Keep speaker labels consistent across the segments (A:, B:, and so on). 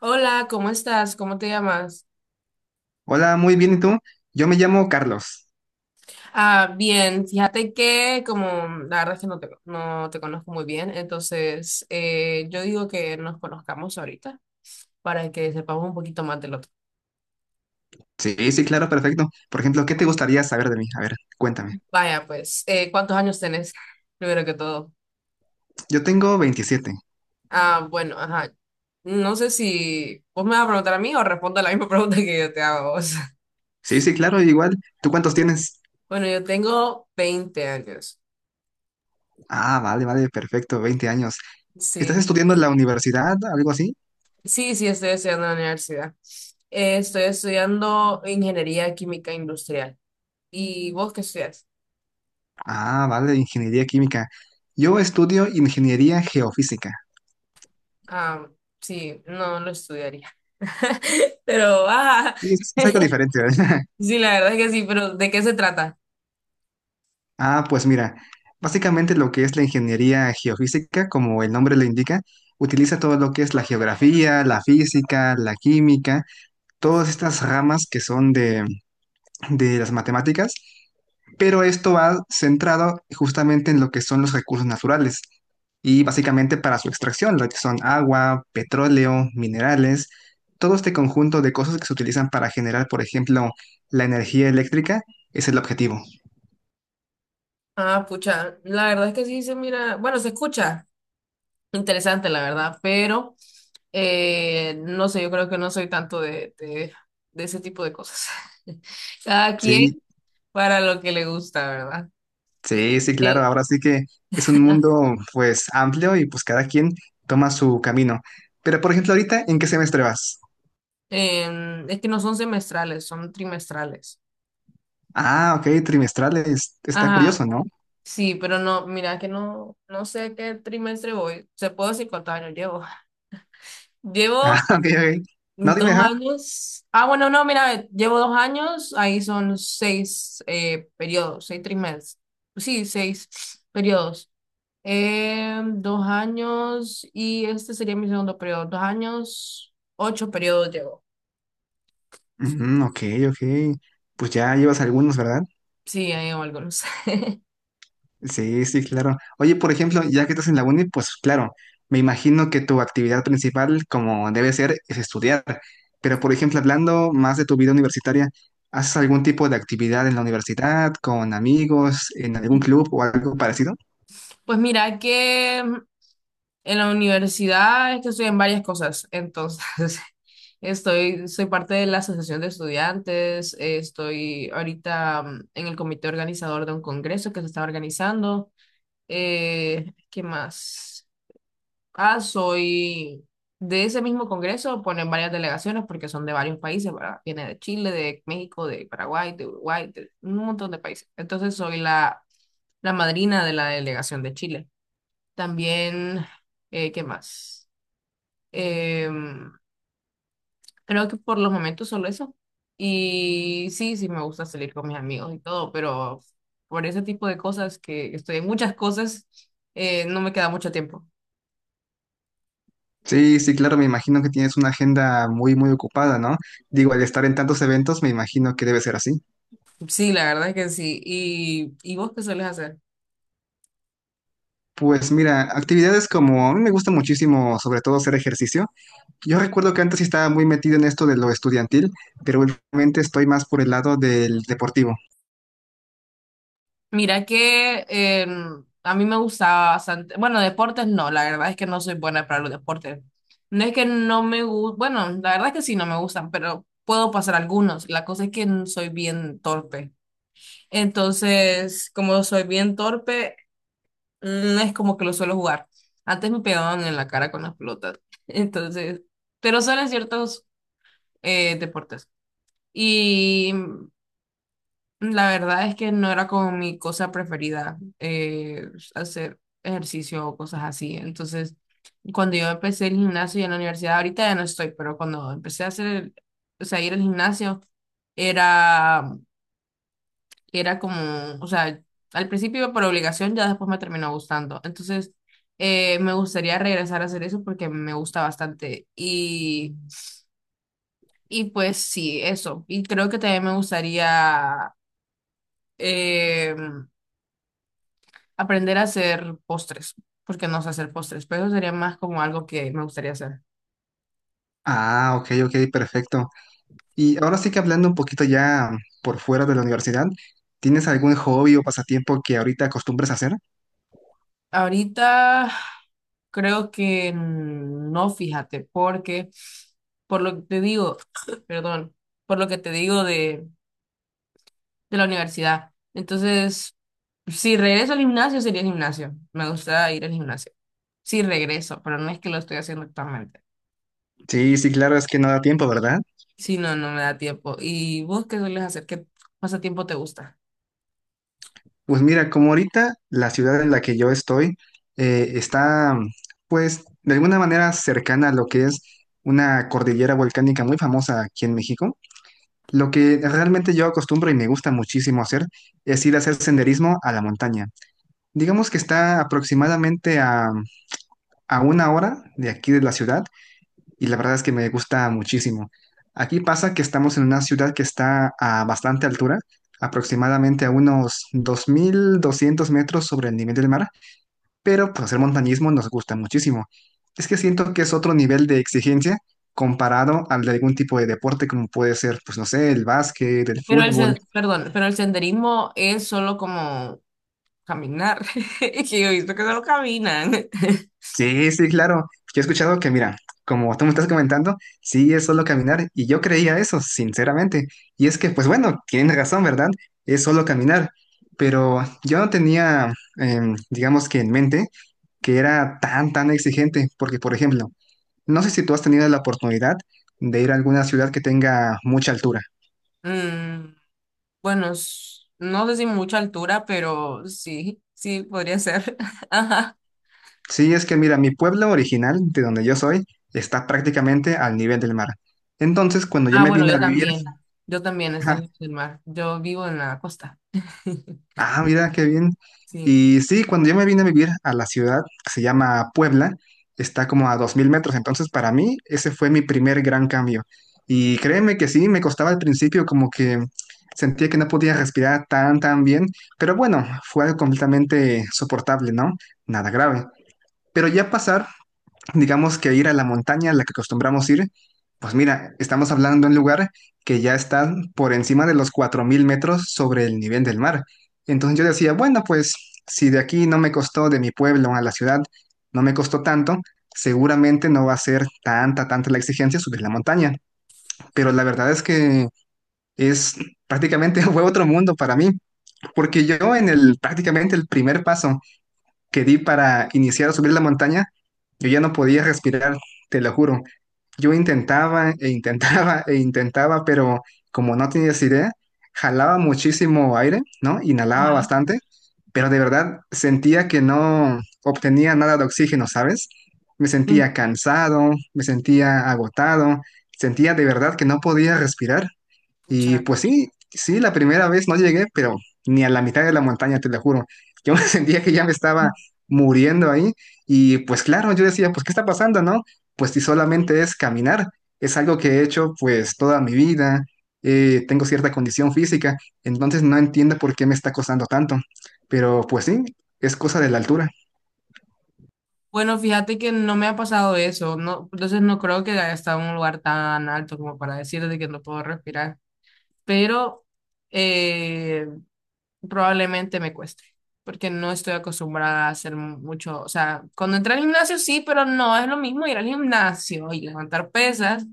A: Hola, ¿cómo estás? ¿Cómo te llamas?
B: Hola, muy bien, ¿y tú? Yo me llamo Carlos.
A: Ah, bien, fíjate que como la verdad es que no te conozco muy bien, entonces yo digo que nos conozcamos ahorita para que sepamos un poquito más del otro.
B: Sí, sí, claro, perfecto. Por ejemplo, ¿qué te gustaría saber de mí? A ver, cuéntame.
A: Vaya, pues, ¿cuántos años tenés? Primero que todo.
B: Yo tengo 27.
A: Ah, bueno, ajá. No sé si vos me vas a preguntar a mí o respondo a la misma pregunta que yo te hago a vos.
B: Sí, sí, claro, igual. ¿Tú cuántos tienes?
A: Bueno, yo tengo 20 años.
B: Ah, vale, vale, perfecto, 20 años. ¿Estás
A: Sí.
B: estudiando en la universidad, algo así?
A: Sí, sí, estoy estudiando en la universidad. Estoy estudiando ingeniería química industrial. ¿Y vos qué estudias?
B: Ah, vale, ingeniería química. Yo estudio ingeniería geofísica.
A: Ah, sí, no lo estudiaría. Pero, ah,
B: Sí, es algo diferente, ¿verdad?
A: sí, la verdad es que sí, pero ¿de qué se trata?
B: Ah, pues mira, básicamente lo que es la ingeniería geofísica, como el nombre lo indica, utiliza todo lo que es la geografía, la física, la química, todas estas ramas que son de las matemáticas, pero esto va centrado justamente en lo que son los recursos naturales y básicamente para su extracción, lo que son agua, petróleo, minerales, todo este conjunto de cosas que se utilizan para generar, por ejemplo, la energía eléctrica, es el objetivo.
A: Ah, pucha, la verdad es que sí se mira, bueno, se escucha interesante, la verdad, pero no sé, yo creo que no soy tanto de ese tipo de cosas. Cada
B: Sí,
A: quien para lo que le gusta, ¿verdad?
B: sí, sí, claro,
A: Eh,
B: ahora sí que es un mundo pues amplio y pues cada quien toma su camino. Pero por ejemplo, ahorita, ¿en qué semestre vas?
A: es que no son semestrales, son trimestrales.
B: Ah, ok, trimestrales. Está curioso,
A: Ajá,
B: ¿no?
A: sí, pero no, mira que no, no sé qué trimestre voy. Se puedo decir cuántos años llevo.
B: Ah,
A: Llevo
B: ok, ok. No, dime,
A: dos
B: ajá.
A: años. Ah, bueno, no, mira, llevo 2 años. Ahí son 6 periodos, 6 trimestres. Sí, 6 periodos. Dos años y este sería mi segundo periodo. 2 años, 8 periodos llevo.
B: Ujú, ok, ok. Pues ya llevas algunos, ¿verdad?
A: Sí, ahí llevo algunos.
B: Sí, sí, claro. Oye, por ejemplo, ya que estás en la uni, pues claro, me imagino que tu actividad principal, como debe ser, es estudiar. Pero, por ejemplo, hablando más de tu vida universitaria, ¿haces algún tipo de actividad en la universidad, con amigos, en algún club o algo parecido?
A: Pues mira que en la universidad es que estoy en varias cosas, entonces soy parte de la Asociación de Estudiantes, estoy ahorita en el comité organizador de un congreso que se está organizando. ¿Qué más? Ah, soy de ese mismo congreso, ponen varias delegaciones porque son de varios países, ¿verdad? Viene de Chile, de México, de Paraguay, de Uruguay, de un montón de países. Entonces soy la madrina de la delegación de Chile. También, ¿qué más? Em, creo que por los momentos solo eso. Y sí, sí me gusta salir con mis amigos y todo, pero por ese tipo de cosas que estoy en muchas cosas, no me queda mucho tiempo.
B: Sí, sí, claro, me imagino que tienes una agenda muy, muy ocupada, ¿no? Digo, al estar en tantos eventos, me imagino que debe ser así.
A: Sí, la verdad es que sí. ¿Y vos qué sueles hacer?
B: Pues mira, actividades como, a mí me gusta muchísimo, sobre todo hacer ejercicio. Yo recuerdo que antes sí estaba muy metido en esto de lo estudiantil, pero últimamente estoy más por el lado del deportivo.
A: Mira que a mí me gustaba bastante, bueno, deportes no, la verdad es que no soy buena para los deportes. No es que no me gusta, bueno, la verdad es que sí no me gustan, pero puedo pasar algunos. La cosa es que soy bien torpe. Entonces, como soy bien torpe, no es como que lo suelo jugar. Antes me pegaban en la cara con las pelotas. Entonces, pero solo en ciertos deportes. Y la verdad es que no era como mi cosa preferida hacer ejercicio o cosas así. Entonces, cuando yo empecé el gimnasio y en la universidad, ahorita ya no estoy, pero cuando empecé a hacer o sea, ir al gimnasio, era era como, o sea, al principio iba por obligación, ya después me terminó gustando. Entonces, me gustaría regresar a hacer eso porque me gusta bastante. Y pues sí, eso. Y creo que también me gustaría eh, aprender a hacer postres, porque no sé hacer postres, pero eso sería más como algo que me gustaría hacer.
B: Ah, ok, ok, perfecto. Y ahora sí que hablando un poquito ya por fuera de la universidad, ¿tienes algún hobby o pasatiempo que ahorita acostumbres a hacer?
A: Ahorita creo que no, fíjate, porque por lo que te digo, perdón, por lo que te digo de la universidad. Entonces, si regreso al gimnasio, sería gimnasio. Me gusta ir al gimnasio. Si regreso, pero no es que lo estoy haciendo actualmente.
B: Sí, sí, claro, es que no da tiempo, ¿verdad?
A: Si no, no me da tiempo. ¿Y vos qué sueles hacer? ¿Qué pasatiempo te gusta?
B: Pues mira, como ahorita la ciudad en la que yo estoy está, pues, de alguna manera cercana a lo que es una cordillera volcánica muy famosa aquí en México, lo que realmente yo acostumbro y me gusta muchísimo hacer es ir a hacer senderismo a la montaña. Digamos que está aproximadamente a una hora de aquí de la ciudad y la verdad es que me gusta muchísimo. Aquí pasa que estamos en una ciudad que está a bastante altura, aproximadamente a unos 2200 metros sobre el nivel del mar, pero pues hacer montañismo nos gusta muchísimo. Es que siento que es otro nivel de exigencia comparado al de algún tipo de deporte como puede ser, pues no sé, el básquet, el
A: Pero
B: fútbol.
A: perdón, pero el senderismo es solo como caminar. Es que yo he visto que solo caminan.
B: Sí, sí, claro. Yo he escuchado que, mira, como tú me estás comentando, sí es solo caminar y yo creía eso, sinceramente. Y es que, pues bueno, tienes razón, ¿verdad? Es solo caminar. Pero yo no tenía, digamos que en mente, que era tan, tan exigente, porque, por ejemplo, no sé si tú has tenido la oportunidad de ir a alguna ciudad que tenga mucha altura.
A: Mm, bueno, no sé si mucha altura, pero sí, sí, podría ser. Ajá.
B: Sí, es que, mira, mi pueblo original, de donde yo soy, está prácticamente al nivel del mar. Entonces, cuando yo
A: Ah,
B: me
A: bueno,
B: vine a
A: yo
B: vivir,
A: también. Yo también, está
B: ajá.
A: en el mar. Yo vivo en la costa.
B: Ah, mira, qué bien.
A: Sí.
B: Y sí, cuando yo me vine a vivir a la ciudad, que se llama Puebla, está como a 2000 metros, entonces para mí ese fue mi primer gran cambio. Y créeme que sí, me costaba al principio como que sentía que no podía respirar tan, tan bien, pero bueno, fue algo completamente soportable, ¿no? Nada grave. Pero ya pasar, digamos que ir a la montaña a la que acostumbramos ir, pues mira, estamos hablando de un lugar que ya está por encima de los 4000 metros sobre el nivel del mar. Entonces yo decía, bueno, pues si de aquí no me costó de mi pueblo a la ciudad, no me costó tanto, seguramente no va a ser tanta, tanta la exigencia subir la montaña. Pero la verdad es que es prácticamente fue otro mundo para mí, porque yo en el prácticamente el primer paso que di para iniciar a subir la montaña, yo ya no podía respirar, te lo juro. Yo intentaba e intentaba e intentaba, pero como no tenías idea, jalaba muchísimo aire, ¿no? Inhalaba
A: Ajá.
B: bastante, pero de verdad sentía que no obtenía nada de oxígeno, ¿sabes? Me sentía
A: Mm.
B: cansado, me sentía agotado, sentía de verdad que no podía respirar. Y
A: Pucha.
B: pues sí, sí, la primera vez no llegué, pero ni a la mitad de la montaña, te lo juro. Yo me sentía que ya me estaba muriendo ahí. Y pues claro, yo decía, pues ¿qué está pasando, no? Pues si solamente es caminar, es algo que he hecho pues toda mi vida, tengo cierta condición física, entonces no entiendo por qué me está costando tanto. Pero pues sí, es cosa de la altura.
A: Bueno, fíjate que no me ha pasado eso, no, entonces no creo que haya estado en un lugar tan alto como para decir de que no puedo respirar, pero eh, probablemente me cueste, porque no estoy acostumbrada a hacer mucho, o sea, cuando entré al gimnasio sí, pero no es lo mismo ir al gimnasio y levantar pesas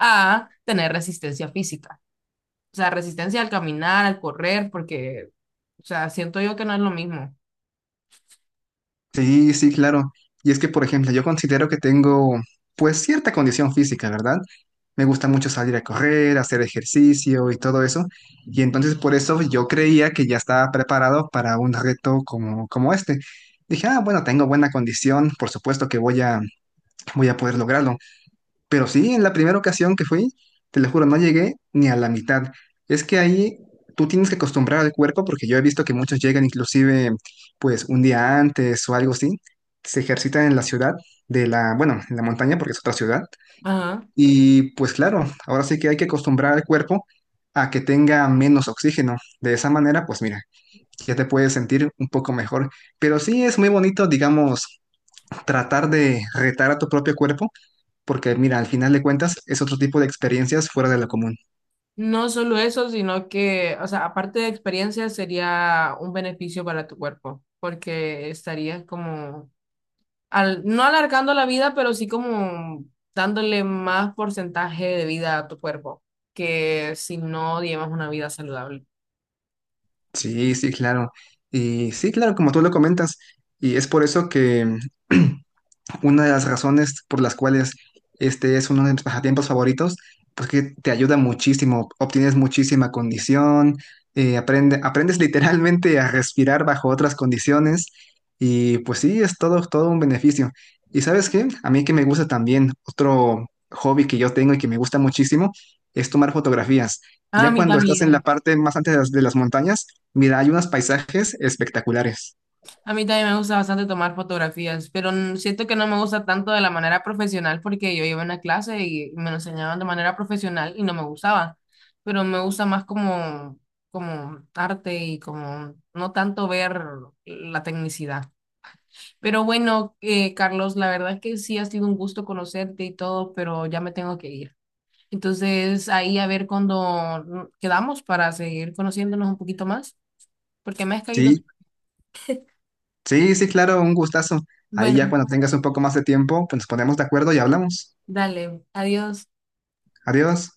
A: a tener resistencia física. O sea, resistencia al caminar, al correr, porque, o sea, siento yo que no es lo mismo.
B: Sí, sí, claro. Y es que, por ejemplo, yo considero que tengo, pues, cierta condición física, ¿verdad? Me gusta mucho salir a correr, hacer ejercicio y todo eso. Y entonces por eso yo creía que ya estaba preparado para un reto como este. Dije, ah, bueno, tengo buena condición, por supuesto que voy a poder lograrlo. Pero sí, en la primera ocasión que fui, te lo juro, no llegué ni a la mitad. Es que ahí tú tienes que acostumbrar al cuerpo, porque yo he visto que muchos llegan inclusive pues un día antes o algo así, se ejercitan en la ciudad de la, bueno, en la montaña porque es otra ciudad.
A: Ajá.
B: Y pues claro, ahora sí que hay que acostumbrar al cuerpo a que tenga menos oxígeno. De esa manera, pues mira, ya te puedes sentir un poco mejor. Pero sí es muy bonito, digamos, tratar de retar a tu propio cuerpo porque mira, al final de cuentas es otro tipo de experiencias fuera de lo común.
A: No solo eso, sino que, o sea, aparte de experiencia, sería un beneficio para tu cuerpo, porque estarías como, no alargando la vida, pero sí como dándole más porcentaje de vida a tu cuerpo, que si no llevas una vida saludable.
B: Sí, sí, claro. Y sí, claro, como tú lo comentas. Y es por eso que una de las razones por las cuales este es uno de mis pasatiempos favoritos, pues que te ayuda muchísimo, obtienes muchísima condición, aprendes literalmente a respirar bajo otras condiciones y pues sí, es todo un beneficio. ¿Y sabes qué? A mí que me gusta también, otro hobby que yo tengo y que me gusta muchísimo es tomar fotografías.
A: Ah, a
B: Ya
A: mí
B: cuando estás en la
A: también.
B: parte más antes de las montañas, mira, hay unos paisajes espectaculares.
A: A mí también me gusta bastante tomar fotografías, pero siento que no me gusta tanto de la manera profesional porque yo iba a una clase y me lo enseñaban de manera profesional y no me gustaba, pero me gusta más como arte y como no tanto ver la tecnicidad. Pero bueno, Carlos, la verdad es que sí ha sido un gusto conocerte y todo, pero ya me tengo que ir. Entonces ahí a ver cuando quedamos para seguir conociéndonos un poquito más, porque me has caído.
B: Sí. Sí, sí, claro, un gustazo. Ahí ya
A: Bueno,
B: cuando tengas un poco más de tiempo, pues nos ponemos de acuerdo y hablamos.
A: dale, adiós.
B: Adiós.